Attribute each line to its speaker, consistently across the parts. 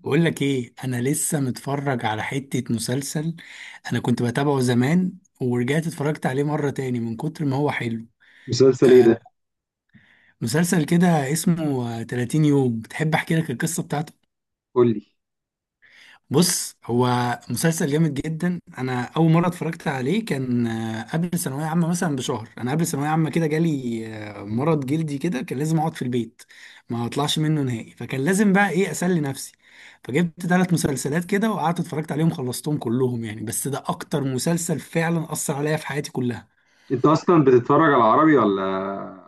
Speaker 1: بقول لك ايه، انا لسه متفرج على حتة مسلسل. انا كنت بتابعه زمان ورجعت اتفرجت عليه مرة تاني من كتر ما هو حلو.
Speaker 2: مسلسل ايه
Speaker 1: آه،
Speaker 2: ده؟
Speaker 1: مسلسل كده اسمه 30 يوم. تحب احكي لك القصة بتاعته؟
Speaker 2: قول لي.
Speaker 1: بص، هو مسلسل جامد جدا. انا اول مره اتفرجت عليه كان قبل ثانويه عامه مثلا بشهر. انا قبل ثانويه عامه كده جالي مرض جلدي كده، كان لازم اقعد في البيت ما اطلعش منه نهائي، فكان لازم بقى ايه، اسلي نفسي. فجبت ثلاث مسلسلات كده وقعدت اتفرجت عليهم، خلصتهم كلهم يعني، بس ده اكتر مسلسل فعلا اثر عليا في حياتي كلها.
Speaker 2: انت اصلا بتتفرج على عربي ولا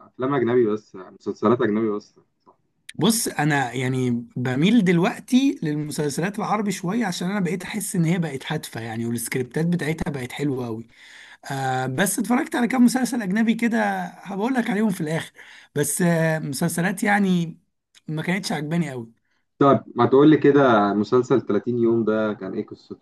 Speaker 2: افلام اجنبي بس، يعني مسلسلات اجنبي بس؟ صح.
Speaker 1: بص انا يعني بميل دلوقتي للمسلسلات العربي شويه، عشان انا بقيت احس ان هي بقت هادفه يعني، والسكريبتات بتاعتها بقت حلوه قوي. آه، بس اتفرجت على كام مسلسل أجنبي كده، هبقول لك عليهم في الآخر. بس آه، مسلسلات يعني ما كانتش عجباني قوي.
Speaker 2: طب ما تقول لي كده، مسلسل 30 يوم ده كان ايه قصته؟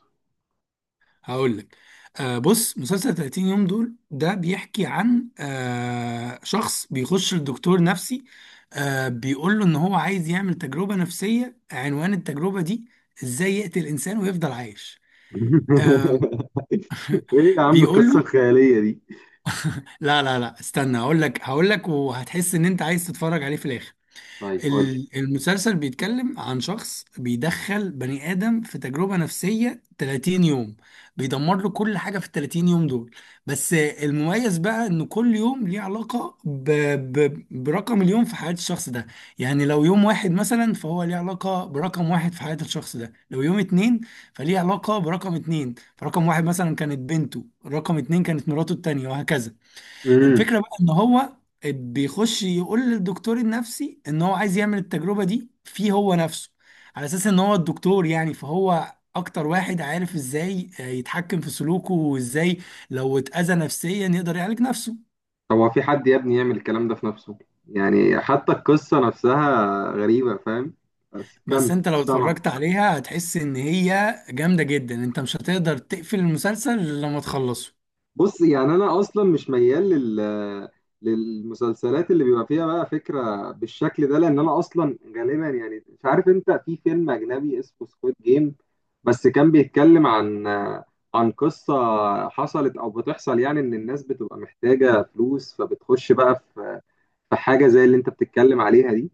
Speaker 1: هقول لك. آه، بص، مسلسل 30 يوم دول ده بيحكي عن آه، شخص بيخش لدكتور نفسي. آه، بيقول له إن هو عايز يعمل تجربة نفسية. عنوان التجربة دي إزاي يقتل إنسان ويفضل عايش. آه،
Speaker 2: ايه يا عم
Speaker 1: بيقول
Speaker 2: القصه
Speaker 1: له
Speaker 2: الخياليه دي؟
Speaker 1: لا لا لا، استنى، هقول لك هقول لك، وهتحس إن أنت عايز تتفرج عليه في الآخر.
Speaker 2: طيب قول لي.
Speaker 1: المسلسل بيتكلم عن شخص بيدخل بني آدم في تجربة نفسية 30 يوم، بيدمر له كل حاجة في ال 30 يوم دول. بس المميز بقى إن كل يوم ليه علاقة برقم اليوم في حياة الشخص ده. يعني لو يوم واحد مثلا، فهو ليه علاقة برقم واحد في حياة الشخص ده. لو يوم اتنين، فليه علاقة برقم اتنين. فرقم واحد مثلا كانت بنته، رقم اتنين كانت مراته التانية، وهكذا.
Speaker 2: امم.
Speaker 1: الفكرة بقى ان هو بيخش يقول للدكتور النفسي ان هو عايز يعمل التجربة دي فيه هو نفسه، على اساس ان هو الدكتور يعني، فهو اكتر واحد عارف ازاي يتحكم في سلوكه، وازاي لو اتأذى نفسيا يقدر يعالج نفسه.
Speaker 2: طب هو في حد يا ابني يعمل الكلام ده في نفسه؟ يعني حتى القصه نفسها غريبه، فاهم؟ بس
Speaker 1: بس
Speaker 2: كمل.
Speaker 1: انت لو
Speaker 2: سامع.
Speaker 1: اتفرجت عليها هتحس ان هي جامدة جدا. انت مش هتقدر تقفل المسلسل إلا لما تخلصه.
Speaker 2: بص، يعني انا اصلا مش ميال للمسلسلات اللي بيبقى فيها بقى فكره بالشكل ده، لان انا اصلا غالبا يعني مش عارف، انت في فيلم اجنبي اسمه سكويد جيم بس كان بيتكلم عن قصه حصلت او بتحصل، يعني ان الناس بتبقى محتاجه فلوس فبتخش بقى في حاجه زي اللي انت بتتكلم عليها دي.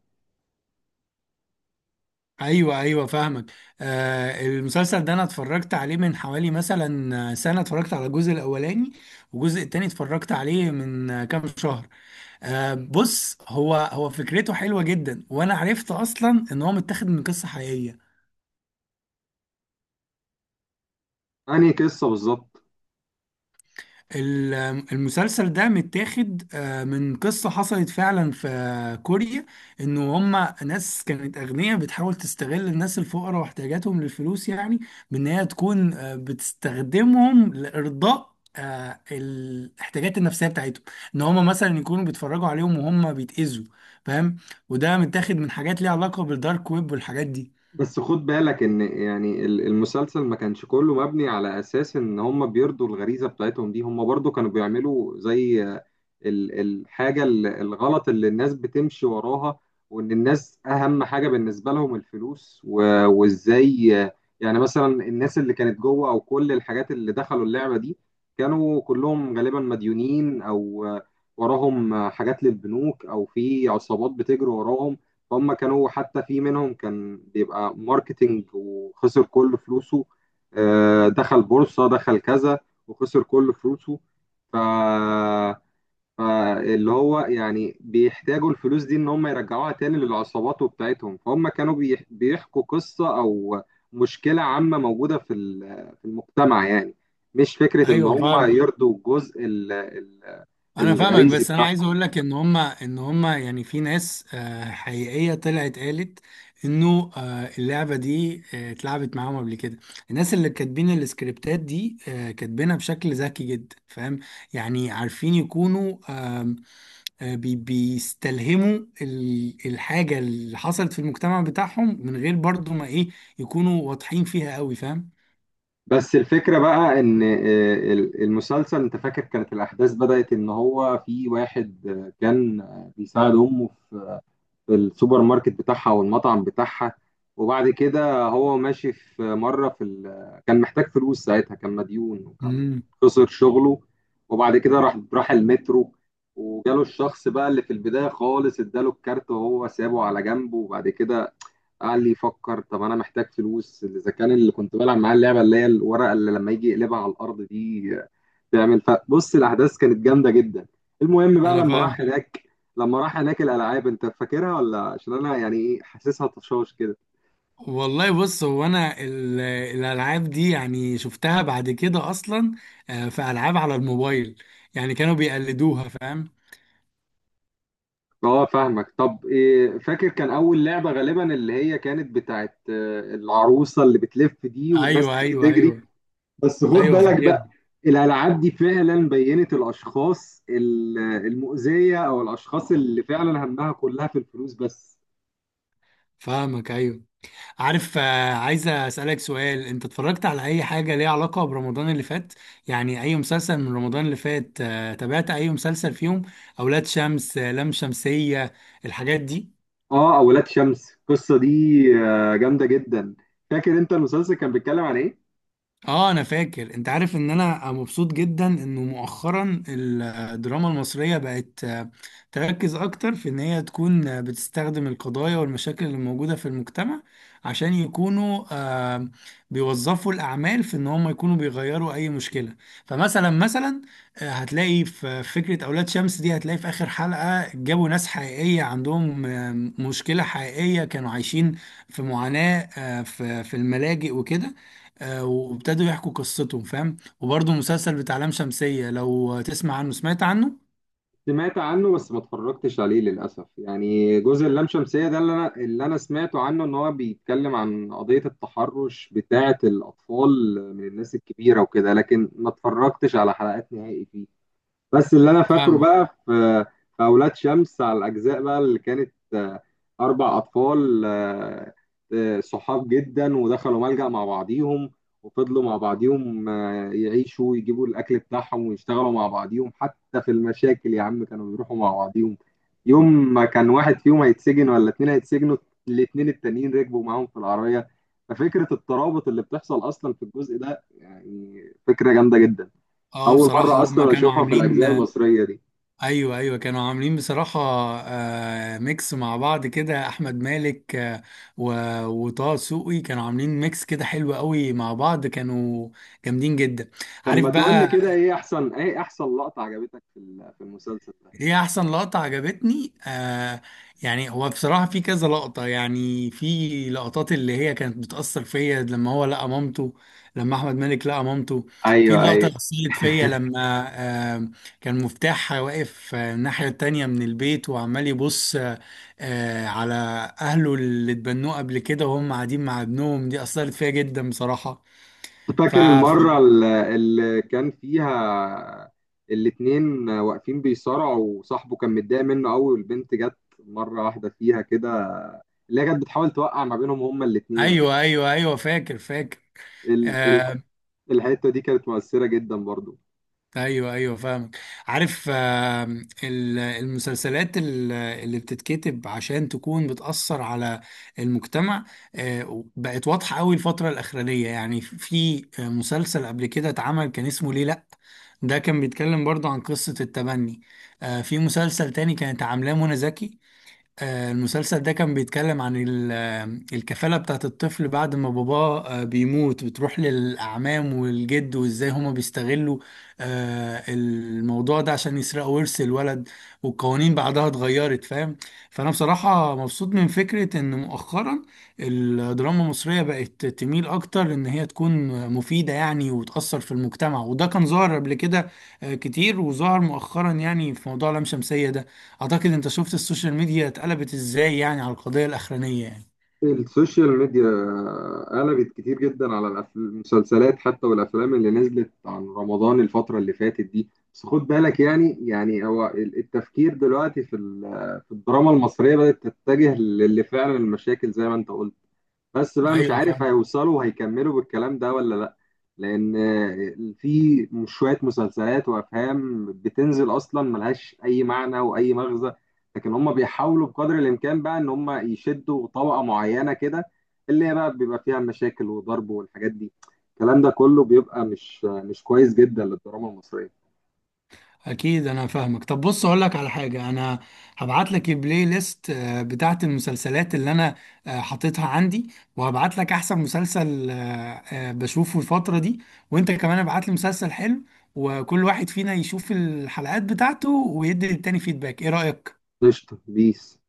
Speaker 1: ايوه ايوه، فاهمك. آه، المسلسل ده انا اتفرجت عليه من حوالي مثلا سنه، اتفرجت على الجزء الاولاني، والجزء التاني اتفرجت عليه من كام شهر. آه، بص، هو فكرته حلوه جدا، وانا عرفت اصلا ان هو متاخد من قصه حقيقيه.
Speaker 2: انهي قصه بالظبط؟
Speaker 1: ال- المسلسل ده متاخد من قصة حصلت فعلا في كوريا. انه هما ناس كانت اغنياء بتحاول تستغل الناس الفقراء واحتياجاتهم للفلوس يعني، بان هي تكون بتستخدمهم لارضاء الاحتياجات النفسية بتاعتهم، ان هما مثلا يكونوا بيتفرجوا عليهم وهم بيتأذوا، فاهم؟ وده متاخد من حاجات ليها علاقة بالدارك ويب والحاجات دي.
Speaker 2: بس خد بالك ان، يعني المسلسل ما كانش كله مبني على اساس ان هم بيرضوا الغريزه بتاعتهم دي، هم برضو كانوا بيعملوا زي الغلط اللي الناس بتمشي وراها، وان الناس اهم حاجه بالنسبه لهم الفلوس وازاي يعني مثلا الناس اللي كانت جوه او كل الحاجات اللي دخلوا اللعبه دي كانوا كلهم غالبا مديونين، او وراهم حاجات للبنوك او في عصابات بتجري وراهم. هم كانوا حتى في منهم كان بيبقى ماركتينج وخسر كل فلوسه، دخل بورصة دخل كذا وخسر كل فلوسه. ف فاللي هو يعني بيحتاجوا الفلوس دي ان هم يرجعوها تاني للعصابات وبتاعتهم، فهم كانوا بيحكوا قصة او مشكلة عامة موجودة في في المجتمع، يعني مش فكرة ان
Speaker 1: ايوه
Speaker 2: هم
Speaker 1: فاهمك.
Speaker 2: يرضوا الجزء ال- ال-
Speaker 1: انا فاهمك،
Speaker 2: الغريزي
Speaker 1: بس انا عايز
Speaker 2: بتاعهم.
Speaker 1: اقول لك ان هما يعني في ناس حقيقيه طلعت قالت انه اللعبه دي اتلعبت معاهم قبل كده. الناس اللي كاتبين السكريبتات دي كاتبينها بشكل ذكي جدا، فاهم؟ يعني عارفين يكونوا آم، بيستلهموا الحاجه اللي حصلت في المجتمع بتاعهم من غير برضو ما ايه، يكونوا واضحين فيها قوي، فاهم؟
Speaker 2: بس الفكرة بقى إن المسلسل، أنت فاكر كانت الأحداث بدأت إن هو في واحد كان بيساعد أمه في في السوبر ماركت بتاعها والمطعم بتاعها، وبعد كده هو ماشي في مرة في كان محتاج فلوس ساعتها، كان مديون وكان
Speaker 1: امم،
Speaker 2: خسر شغله، وبعد كده راح المترو، وجاله الشخص بقى اللي في البداية خالص اداله الكارت وهو سابه على جنبه، وبعد كده قعد لي يفكر طب انا محتاج فلوس، اذا كان اللي كنت بلعب معاه اللعبه اللي هي الورقه اللي لما يجي يقلبها على الارض دي تعمل، فبص الاحداث كانت جامده جدا. المهم بقى
Speaker 1: انا
Speaker 2: لما راح
Speaker 1: فاهم.
Speaker 2: هناك لما راح هناك الالعاب انت فاكرها ولا؟ عشان انا يعني ايه، حاسسها طشاش كده.
Speaker 1: والله بص، هو انا الالعاب دي يعني شفتها بعد كده اصلا. آه، في العاب على الموبايل يعني كانوا بيقلدوها، فاهم؟
Speaker 2: اه، فاهمك. طب إيه فاكر كان اول لعبه غالبا اللي هي كانت بتاعت العروسه اللي بتلف دي والناس
Speaker 1: ايوه
Speaker 2: تيجي
Speaker 1: ايوه
Speaker 2: تجري؟
Speaker 1: ايوه.
Speaker 2: بس خد
Speaker 1: ايوه
Speaker 2: بالك
Speaker 1: فاكر.
Speaker 2: بقى، الالعاب دي فعلا بينت الاشخاص المؤذيه او الاشخاص اللي فعلا همها كلها في الفلوس بس.
Speaker 1: فاهمك، ايوه. عارف، آه، عايز اسالك سؤال: انت اتفرجت على اي حاجه ليها علاقه برمضان اللي فات؟ يعني اي مسلسل من رمضان اللي فات تابعت اي مسلسل فيهم؟ اولاد شمس، لام شمسيه، الحاجات دي.
Speaker 2: اه، اولاد شمس القصه دي جامده جدا. فاكر انت المسلسل كان بيتكلم عن ايه؟
Speaker 1: اه انا فاكر. انت عارف ان انا مبسوط جدا انه مؤخرا الدراما المصرية بقت تركز اكتر في ان هي تكون بتستخدم القضايا والمشاكل اللي موجودة في المجتمع، عشان يكونوا بيوظفوا الاعمال في ان هم يكونوا بيغيروا اي مشكلة. مثلا، هتلاقي في فكرة اولاد شمس دي، هتلاقي في اخر حلقة جابوا ناس حقيقية عندهم مشكلة حقيقية كانوا عايشين في معاناة في الملاجئ وكده. آه، وابتدوا يحكوا قصتهم، فاهم؟ وبرضه المسلسل بتاع لام شمسية، لو تسمع عنه سمعت عنه.
Speaker 2: سمعت عنه بس ما اتفرجتش عليه للاسف، يعني جزء اللام شمسيه ده اللي انا سمعته عنه ان هو بيتكلم عن قضيه التحرش بتاعه الاطفال من الناس الكبيره وكده، لكن ما اتفرجتش على حلقات نهائي فيه. بس اللي انا فاكره
Speaker 1: فاهمك.
Speaker 2: بقى في اولاد شمس، على الاجزاء بقى اللي كانت اربع اطفال صحاب جدا، ودخلوا ملجأ مع بعضيهم، وفضلوا مع بعضيهم يعيشوا ويجيبوا الاكل بتاعهم ويشتغلوا مع بعضيهم، حتى في المشاكل يا عم كانوا بيروحوا مع بعضيهم. يوم ما كان واحد فيهم هيتسجن ولا اتنين هيتسجنوا، الاتنين التانيين ركبوا معاهم في العربية. ففكرة الترابط اللي بتحصل اصلا في الجزء ده يعني فكرة جامدة جدا.
Speaker 1: اه
Speaker 2: اول
Speaker 1: بصراحة
Speaker 2: مره
Speaker 1: هما
Speaker 2: اصلا
Speaker 1: كانوا
Speaker 2: اشوفها في
Speaker 1: عاملين
Speaker 2: الاجزاء المصريه دي.
Speaker 1: ايوه ايوه، كانوا عاملين بصراحة آه، ميكس مع بعض كده. احمد مالك و... وطه دسوقي كانوا عاملين ميكس كده حلو قوي مع بعض، كانوا جامدين جدا.
Speaker 2: طب
Speaker 1: عارف
Speaker 2: ما تقول لي
Speaker 1: بقى،
Speaker 2: كده، ايه احسن لقطه عجبتك في في المسلسل ده؟
Speaker 1: هي احسن لقطة عجبتني آه، يعني هو بصراحة في كذا لقطة، يعني في لقطات اللي هي كانت بتأثر فيا. لما هو لقى مامته، لما احمد مالك لقى مامته، في
Speaker 2: ايوه
Speaker 1: اللقطة اللي
Speaker 2: ايوه،
Speaker 1: أثرت فيا لما آه كان مفتاح واقف الناحية التانية من البيت وعمال يبص على اهله اللي اتبنوه قبل كده وهم قاعدين مع ابنهم، دي أثرت فيا جدا بصراحة.
Speaker 2: فاكر
Speaker 1: ففي
Speaker 2: المره اللي كان فيها الاتنين واقفين بيصارعوا وصاحبه كان متضايق منه قوي، والبنت جت مره واحده فيها كده اللي هي كانت بتحاول توقع ما بينهم هما الاتنين.
Speaker 1: ايوه ايوه ايوه، فاكر فاكر.
Speaker 2: ال- ال-
Speaker 1: آه،
Speaker 2: الحته دي كانت مؤثره جدا برضو.
Speaker 1: ايوه ايوه، فاهمك. عارف، المسلسلات اللي بتتكتب عشان تكون بتأثر على المجتمع بقت واضحة قوي الفترة الأخرانية. يعني في مسلسل قبل كده اتعمل كان اسمه ليه لأ، ده كان بيتكلم برضه عن قصة التبني. في مسلسل تاني كانت عاملاه منى زكي، المسلسل ده كان بيتكلم عن الكفالة بتاعت الطفل بعد ما باباه بيموت بتروح للأعمام والجد، وإزاي هما بيستغلوا الموضوع ده عشان يسرقوا ورث الولد، والقوانين بعدها اتغيرت، فاهم؟ فأنا بصراحة مبسوط من فكرة إن مؤخرا الدراما المصرية بقت تميل أكتر إن هي تكون مفيدة يعني، وتأثر في المجتمع. وده كان ظاهر قبل كده كتير، وظهر مؤخرا يعني في موضوع لام شمسية ده. اعتقد انت شفت السوشيال ميديا اتقلبت ازاي يعني على القضية الاخرانية يعني.
Speaker 2: السوشيال ميديا قلبت كتير جدا على المسلسلات حتى والافلام اللي نزلت عن رمضان الفتره اللي فاتت دي، بس خد بالك، يعني هو التفكير دلوقتي في في الدراما المصريه بدات تتجه للي فعلا المشاكل زي ما انت قلت، بس بقى مش
Speaker 1: ايوه
Speaker 2: عارف
Speaker 1: فاهم.
Speaker 2: هيوصلوا وهيكملوا بالكلام ده ولا لا. لان في شوية مسلسلات وافهام بتنزل اصلا ملهاش اي معنى واي مغزى، لكن هم بيحاولوا بقدر الامكان بقى ان هم يشدوا طبقة معينة كده اللي هي بقى بيبقى فيها مشاكل وضرب والحاجات دي. الكلام ده كله بيبقى مش كويس جدا للدراما المصرية.
Speaker 1: اكيد انا فاهمك. طب بص، اقول لك على حاجة، انا هبعت لك البلاي ليست بتاعت المسلسلات اللي انا حاططها عندي، وهبعت لك احسن مسلسل بشوفه الفترة دي. وانت كمان ابعت لي مسلسل حلو، وكل واحد فينا يشوف الحلقات بتاعته ويدي للتاني فيدباك. ايه رأيك؟
Speaker 2: قشطة بيس.